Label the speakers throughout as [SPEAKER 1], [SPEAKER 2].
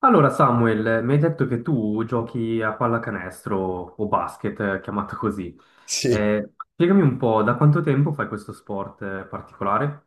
[SPEAKER 1] Allora, Samuel, mi hai detto che tu giochi a pallacanestro o basket, chiamato così.
[SPEAKER 2] Sì,
[SPEAKER 1] Spiegami un po', da quanto tempo fai questo sport particolare?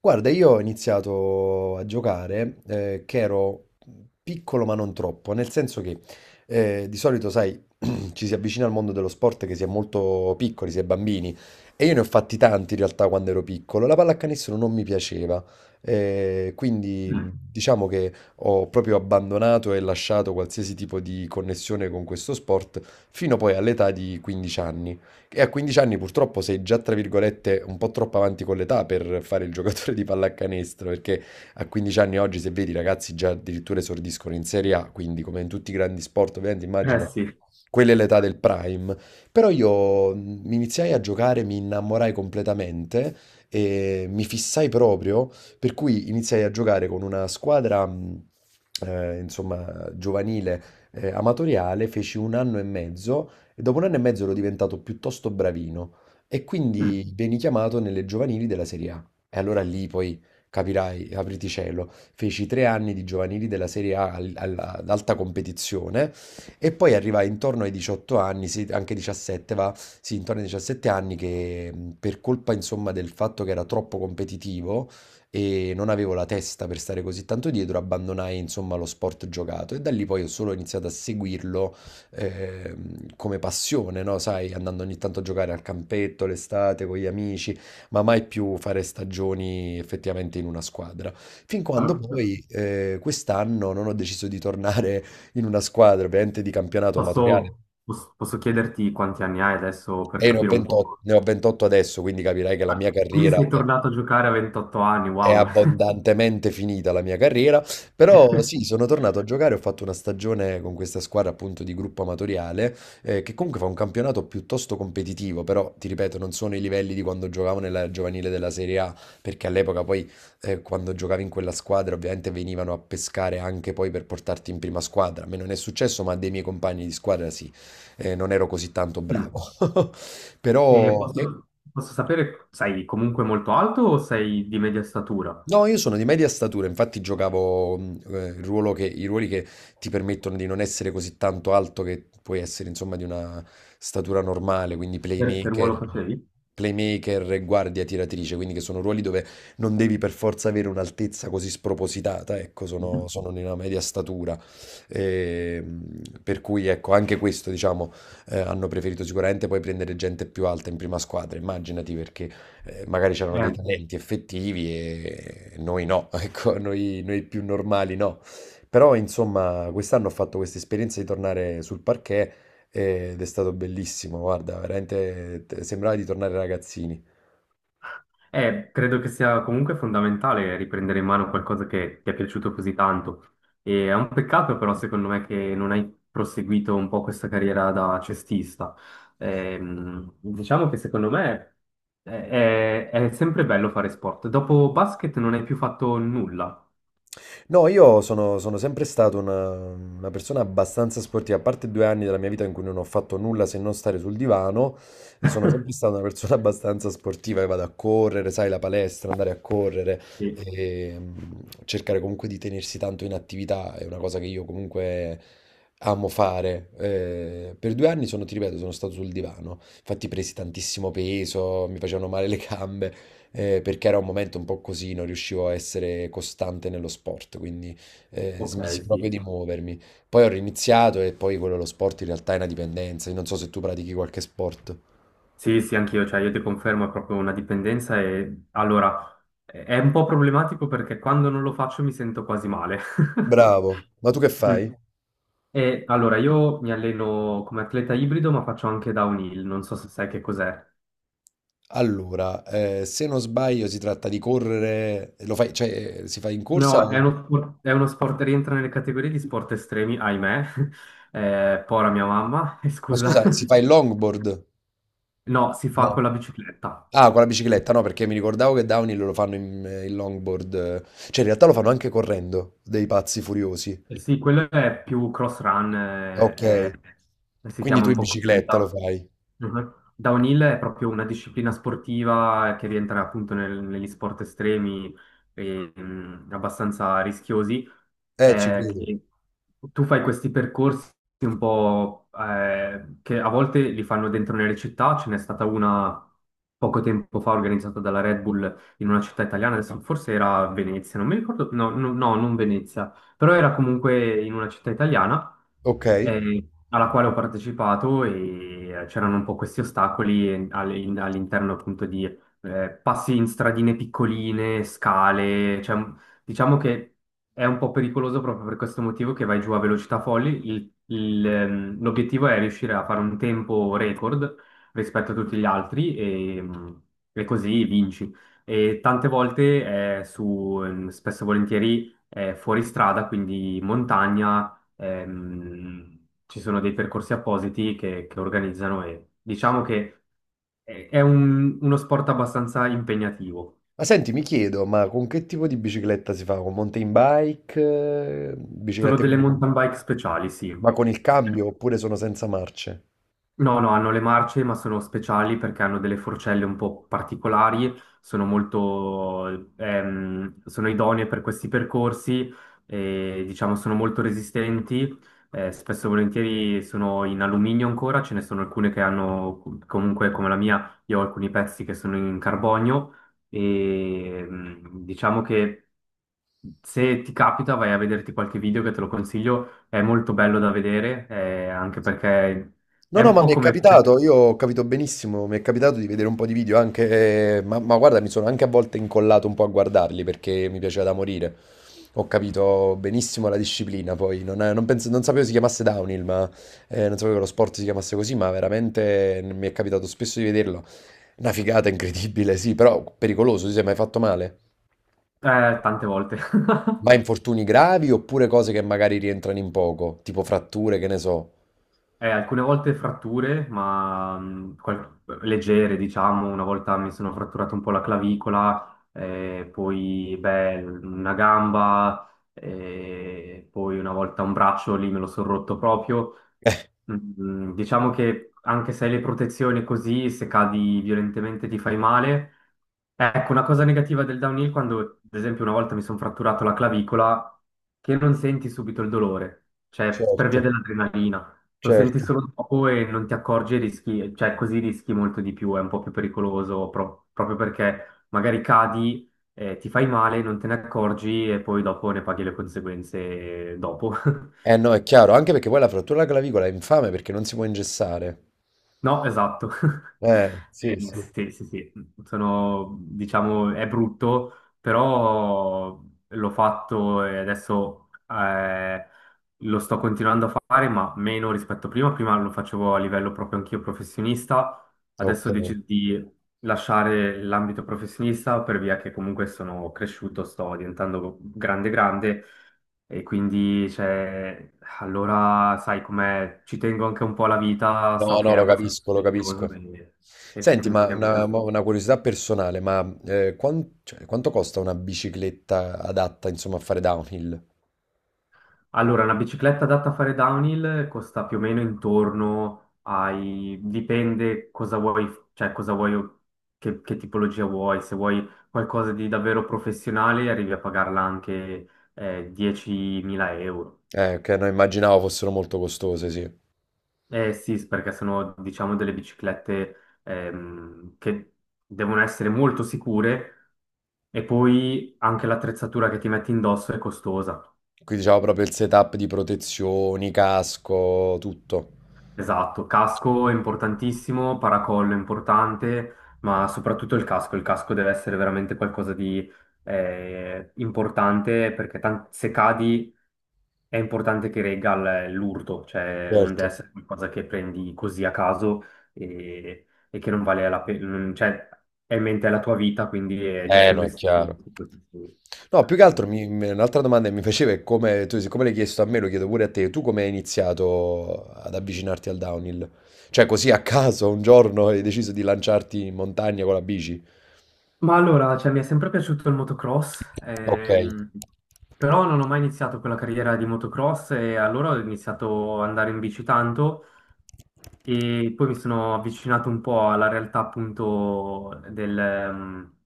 [SPEAKER 2] guarda, io ho iniziato a giocare che ero piccolo ma non troppo, nel senso che di solito, sai, ci si avvicina al mondo dello sport che si è molto piccoli, si è bambini, e io ne ho fatti tanti in realtà quando ero piccolo. La pallacanestro non mi piaceva, quindi
[SPEAKER 1] Mm.
[SPEAKER 2] diciamo che ho proprio abbandonato e lasciato qualsiasi tipo di connessione con questo sport fino poi all'età di 15 anni. E a 15 anni purtroppo sei già, tra virgolette, un po' troppo avanti con l'età per fare il giocatore di pallacanestro, perché a 15 anni oggi, se vedi, i ragazzi già addirittura esordiscono in Serie A, quindi come in tutti i grandi sport, ovviamente
[SPEAKER 1] Eh
[SPEAKER 2] immagina,
[SPEAKER 1] sì.
[SPEAKER 2] quella è l'età del prime. Però io mi iniziai a giocare, mi innamorai completamente e mi fissai proprio, per cui iniziai a giocare con una squadra, insomma, giovanile, amatoriale, feci un anno e mezzo e dopo un anno e mezzo ero diventato piuttosto bravino e
[SPEAKER 1] Mm.
[SPEAKER 2] quindi veni chiamato nelle giovanili della Serie A. E allora lì poi capirai, apriti cielo, feci tre anni di giovanili della Serie A ad alta competizione e poi arrivai intorno ai 18 anni, sì, anche 17 va, sì, intorno ai 17 anni che per colpa insomma del fatto che era troppo competitivo e non avevo la testa per stare così tanto dietro, abbandonai insomma lo sport giocato e da lì poi ho solo iniziato a seguirlo eh, come passione, no? Sai, andando ogni tanto a giocare al campetto l'estate con gli amici, ma mai più fare stagioni effettivamente in una squadra. Fin quando
[SPEAKER 1] Ah,
[SPEAKER 2] poi quest'anno non ho deciso di tornare in una squadra, ovviamente di campionato amatoriale.
[SPEAKER 1] posso chiederti quanti anni hai adesso per
[SPEAKER 2] E io ne ho
[SPEAKER 1] capire un po'?
[SPEAKER 2] 28, ne ho 28 adesso, quindi capirai che la mia
[SPEAKER 1] Ah, quindi
[SPEAKER 2] carriera
[SPEAKER 1] sei
[SPEAKER 2] è...
[SPEAKER 1] tornato a giocare a 28 anni,
[SPEAKER 2] È
[SPEAKER 1] wow.
[SPEAKER 2] abbondantemente finita la mia carriera, però sì, sono tornato a giocare, ho fatto una stagione con questa squadra appunto di gruppo amatoriale, che comunque fa un campionato piuttosto competitivo, però ti ripeto, non sono i livelli di quando giocavo nella giovanile della Serie A, perché all'epoca poi quando giocavi in quella squadra ovviamente venivano a pescare anche poi per portarti in prima squadra. A me non è successo, ma a dei miei compagni di squadra sì. Non ero così tanto
[SPEAKER 1] Mm.
[SPEAKER 2] bravo.
[SPEAKER 1] E
[SPEAKER 2] Però...
[SPEAKER 1] posso, posso sapere, sei comunque molto alto o sei di media statura?
[SPEAKER 2] No, io sono di media statura, infatti giocavo il i ruoli che ti permettono di non essere così tanto alto che puoi essere insomma di una statura normale, quindi
[SPEAKER 1] Che ruolo facevi?
[SPEAKER 2] playmaker e guardia tiratrice, quindi che sono ruoli dove non devi per forza avere un'altezza così spropositata, ecco, sono di una media statura. E, per cui ecco, anche questo diciamo hanno preferito sicuramente poi prendere gente più alta in prima squadra, immaginati perché magari c'erano dei
[SPEAKER 1] Mm.
[SPEAKER 2] talenti effettivi e noi no, ecco, noi più normali no. Però insomma, quest'anno ho fatto questa esperienza di tornare sul parquet ed è stato bellissimo, guarda, veramente sembrava di tornare ragazzini.
[SPEAKER 1] Credo che sia comunque fondamentale riprendere in mano qualcosa che ti è piaciuto così tanto. E è un peccato però, secondo me, che non hai proseguito un po' questa carriera da cestista. Diciamo che secondo me è, è sempre bello fare sport. Dopo basket non hai più fatto nulla.
[SPEAKER 2] No, sono sempre stato una persona abbastanza sportiva, a parte due anni della mia vita in cui non ho fatto nulla se non stare sul divano, e sono sempre stata una persona abbastanza sportiva, che vado a correre, sai, la palestra, andare a correre,
[SPEAKER 1] Sì,
[SPEAKER 2] e cercare comunque di tenersi tanto in attività è una cosa che io comunque amo fare. Per due anni ti ripeto, sono stato sul divano, infatti presi tantissimo peso, mi facevano male le gambe, perché era un momento un po' così, non riuscivo a essere costante nello sport, quindi
[SPEAKER 1] ok,
[SPEAKER 2] smisi proprio
[SPEAKER 1] sì.
[SPEAKER 2] di muovermi. Poi ho riniziato e poi quello lo sport in realtà è una dipendenza. Io non so se tu pratichi qualche sport.
[SPEAKER 1] Sì, sì, anch'io, cioè io ti confermo, è proprio una dipendenza e allora è un po' problematico perché quando non lo faccio mi sento quasi male.
[SPEAKER 2] Bravo, ma tu che fai?
[SPEAKER 1] E allora, io mi alleno come atleta ibrido, ma faccio anche downhill, non so se sai che cos'è.
[SPEAKER 2] Allora, se non sbaglio si tratta di correre, lo fai, cioè si fa in corsa
[SPEAKER 1] No,
[SPEAKER 2] o...
[SPEAKER 1] è uno sport, rientra nelle categorie di sport estremi, ahimè. Pora mia mamma,
[SPEAKER 2] Ma
[SPEAKER 1] scusa.
[SPEAKER 2] scusa, si fa il longboard?
[SPEAKER 1] No, si fa
[SPEAKER 2] No.
[SPEAKER 1] con la bicicletta.
[SPEAKER 2] Ah, con la bicicletta, no, perché mi ricordavo che downhill lo fanno in, in longboard, cioè in realtà lo fanno anche correndo, dei pazzi furiosi.
[SPEAKER 1] Eh sì, quello è più cross run,
[SPEAKER 2] Ok.
[SPEAKER 1] si
[SPEAKER 2] Quindi
[SPEAKER 1] chiama
[SPEAKER 2] tu
[SPEAKER 1] un
[SPEAKER 2] in
[SPEAKER 1] po' così,
[SPEAKER 2] bicicletta lo
[SPEAKER 1] no?
[SPEAKER 2] fai?
[SPEAKER 1] Mhm. Downhill è proprio una disciplina sportiva che rientra appunto negli sport estremi e, abbastanza rischiosi.
[SPEAKER 2] Ci credo.
[SPEAKER 1] Che tu fai questi percorsi un po', che a volte li fanno dentro nelle città, ce n'è stata una poco tempo fa organizzata dalla Red Bull in una città italiana, adesso forse era Venezia, non mi ricordo, no, no, no, non Venezia, però era comunque in una città italiana
[SPEAKER 2] Ok.
[SPEAKER 1] alla quale ho partecipato, e c'erano un po' questi ostacoli all'interno appunto di, passi in stradine piccoline, scale, diciamo che è un po' pericoloso proprio per questo motivo, che vai giù a velocità folli. L'obiettivo è riuscire a fare un tempo record rispetto a tutti gli altri e, e così vinci. E tante volte è su, spesso e volentieri fuoristrada, quindi montagna, ci sono dei percorsi appositi che organizzano, e diciamo che uno sport abbastanza impegnativo.
[SPEAKER 2] Ma senti, mi chiedo, ma con che tipo di bicicletta si fa? Con mountain bike? Eh,
[SPEAKER 1] Sono
[SPEAKER 2] biciclette
[SPEAKER 1] delle mountain bike speciali, sì.
[SPEAKER 2] ma con il cambio oppure sono senza marce?
[SPEAKER 1] No, no, hanno le marce, ma sono speciali perché hanno delle forcelle un po' particolari, sono molto, sono idonee per questi percorsi e diciamo sono molto resistenti. Spesso e volentieri sono in alluminio ancora, ce ne sono alcune che hanno, comunque come la mia, io ho alcuni pezzi che sono in carbonio e, diciamo che se ti capita, vai a vederti qualche video, che te lo consiglio, è molto bello da vedere, anche perché
[SPEAKER 2] No,
[SPEAKER 1] è
[SPEAKER 2] no,
[SPEAKER 1] un
[SPEAKER 2] ma
[SPEAKER 1] po'
[SPEAKER 2] mi è
[SPEAKER 1] come...
[SPEAKER 2] capitato, io ho capito benissimo, mi è capitato di vedere un po' di video anche, ma guarda, mi sono anche a volte incollato un po' a guardarli perché mi piaceva da morire. Ho capito benissimo la disciplina, poi non sapevo si chiamasse downhill, ma non sapevo che lo sport si chiamasse così, ma veramente mi è capitato spesso di vederlo. Una figata incredibile, sì, però pericoloso, ti sei mai fatto male?
[SPEAKER 1] tante volte.
[SPEAKER 2] Ma infortuni gravi oppure cose che magari rientrano in poco, tipo fratture, che ne so.
[SPEAKER 1] Alcune volte fratture, ma leggere, diciamo, una volta mi sono fratturato un po' la clavicola, poi beh, una gamba, poi una volta un braccio lì me lo sono rotto proprio. Mm. Diciamo che anche se hai le protezioni, così, se cadi violentemente ti fai male. Ecco, una cosa negativa del downhill, quando ad esempio una volta mi sono fratturato la clavicola, che non senti subito il dolore, cioè per via
[SPEAKER 2] Certo,
[SPEAKER 1] dell'adrenalina. Lo senti
[SPEAKER 2] certo.
[SPEAKER 1] solo dopo e non ti accorgi e rischi, cioè così rischi molto di più, è un po' più pericoloso proprio perché magari cadi, ti fai male, non te ne accorgi e poi dopo ne paghi le conseguenze dopo.
[SPEAKER 2] Eh no, è chiaro, anche perché poi la frattura alla clavicola è infame perché non si può ingessare.
[SPEAKER 1] No, esatto.
[SPEAKER 2] Sì, sì.
[SPEAKER 1] Sì, sì, sì, sono, diciamo, è brutto, però l'ho fatto e adesso, lo sto continuando a fare, ma meno rispetto a prima. Prima lo facevo a livello proprio anch'io professionista,
[SPEAKER 2] Ok.
[SPEAKER 1] adesso ho deciso di lasciare l'ambito professionista per via che comunque sono cresciuto, sto diventando grande grande, e quindi, cioè, allora sai com'è, ci tengo anche un po' alla vita, so
[SPEAKER 2] No,
[SPEAKER 1] che
[SPEAKER 2] no,
[SPEAKER 1] è
[SPEAKER 2] lo
[SPEAKER 1] abbastanza
[SPEAKER 2] capisco, lo
[SPEAKER 1] pericoloso,
[SPEAKER 2] capisco.
[SPEAKER 1] e
[SPEAKER 2] Senti,
[SPEAKER 1] quindi
[SPEAKER 2] ma
[SPEAKER 1] è un casino.
[SPEAKER 2] una curiosità personale, ma cioè, quanto costa una bicicletta adatta, insomma, a fare downhill?
[SPEAKER 1] Allora, una bicicletta adatta a fare downhill costa più o meno intorno ai... dipende cosa vuoi, cioè cosa vuoi, che tipologia vuoi. Se vuoi qualcosa di davvero professionale arrivi a pagarla anche, 10.000 euro.
[SPEAKER 2] Che non immaginavo fossero molto costose, sì.
[SPEAKER 1] Eh sì, perché sono, diciamo, delle biciclette, che devono essere molto sicure, e poi anche l'attrezzatura che ti metti indosso è costosa.
[SPEAKER 2] Qui diciamo proprio il setup di protezioni, casco, tutto.
[SPEAKER 1] Esatto, casco è importantissimo, paracollo è importante, ma soprattutto il casco. Il casco deve essere veramente qualcosa di, importante, perché se cadi è importante che regga l'urto, cioè non
[SPEAKER 2] Certo.
[SPEAKER 1] deve essere qualcosa che prendi così a caso e che non vale la pena, cioè è in mente la tua vita, quindi è giusto
[SPEAKER 2] No, è
[SPEAKER 1] investire.
[SPEAKER 2] chiaro. No, più che altro
[SPEAKER 1] Mm.
[SPEAKER 2] un'altra domanda che mi faceva è come, tu, siccome l'hai chiesto a me, lo chiedo pure a te, tu come hai iniziato ad avvicinarti al downhill? Cioè così a caso un giorno hai deciso di lanciarti in montagna con la bici?
[SPEAKER 1] Ma allora, cioè, mi è sempre piaciuto il motocross,
[SPEAKER 2] Ok.
[SPEAKER 1] però non ho mai iniziato quella carriera di motocross, e allora ho iniziato ad andare in bici tanto. E poi mi sono avvicinato un po' alla realtà appunto del,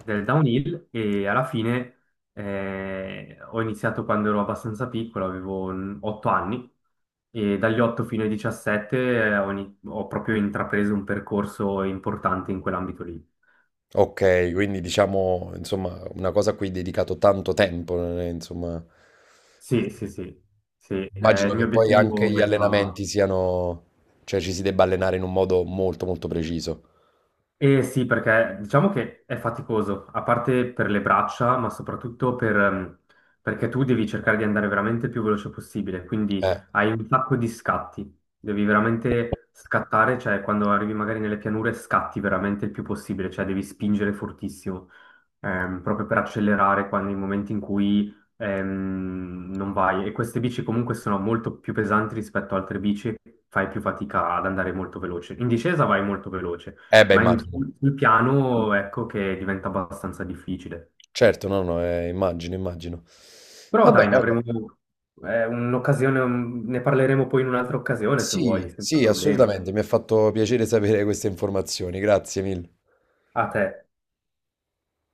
[SPEAKER 1] del downhill, e alla fine, ho iniziato quando ero abbastanza piccolo, avevo 8 anni, e dagli 8 fino ai 17, ho proprio intrapreso un percorso importante in quell'ambito lì.
[SPEAKER 2] Ok, quindi diciamo, insomma, una cosa a cui hai dedicato tanto tempo, non è, insomma,
[SPEAKER 1] Sì,
[SPEAKER 2] eh,
[SPEAKER 1] sì, sì, sì.
[SPEAKER 2] immagino
[SPEAKER 1] Il mio
[SPEAKER 2] che poi anche
[SPEAKER 1] obiettivo
[SPEAKER 2] gli
[SPEAKER 1] era...
[SPEAKER 2] allenamenti siano, cioè ci si debba allenare in un modo molto molto preciso.
[SPEAKER 1] Eh sì, perché diciamo che è faticoso, a parte per le braccia, ma soprattutto per, perché tu devi cercare di andare veramente il più veloce possibile, quindi
[SPEAKER 2] Eh,
[SPEAKER 1] hai un sacco di scatti, devi veramente scattare, cioè quando arrivi magari nelle pianure scatti veramente il più possibile, cioè devi spingere fortissimo, proprio per accelerare quando, nei momenti in cui, non vai. E queste bici comunque sono molto più pesanti rispetto a altre bici, fai più fatica ad andare molto veloce. In discesa vai molto veloce,
[SPEAKER 2] eh beh,
[SPEAKER 1] ma
[SPEAKER 2] immagino.
[SPEAKER 1] sul piano ecco che diventa abbastanza difficile.
[SPEAKER 2] Certo, no, no, immagino, immagino.
[SPEAKER 1] Però
[SPEAKER 2] Vabbè,
[SPEAKER 1] dai, ne
[SPEAKER 2] guarda,
[SPEAKER 1] avremo, un'occasione, ne parleremo poi in un'altra occasione se
[SPEAKER 2] sì,
[SPEAKER 1] vuoi, senza
[SPEAKER 2] sì,
[SPEAKER 1] problemi.
[SPEAKER 2] assolutamente, mi ha fatto piacere sapere queste informazioni, grazie mille.
[SPEAKER 1] A te.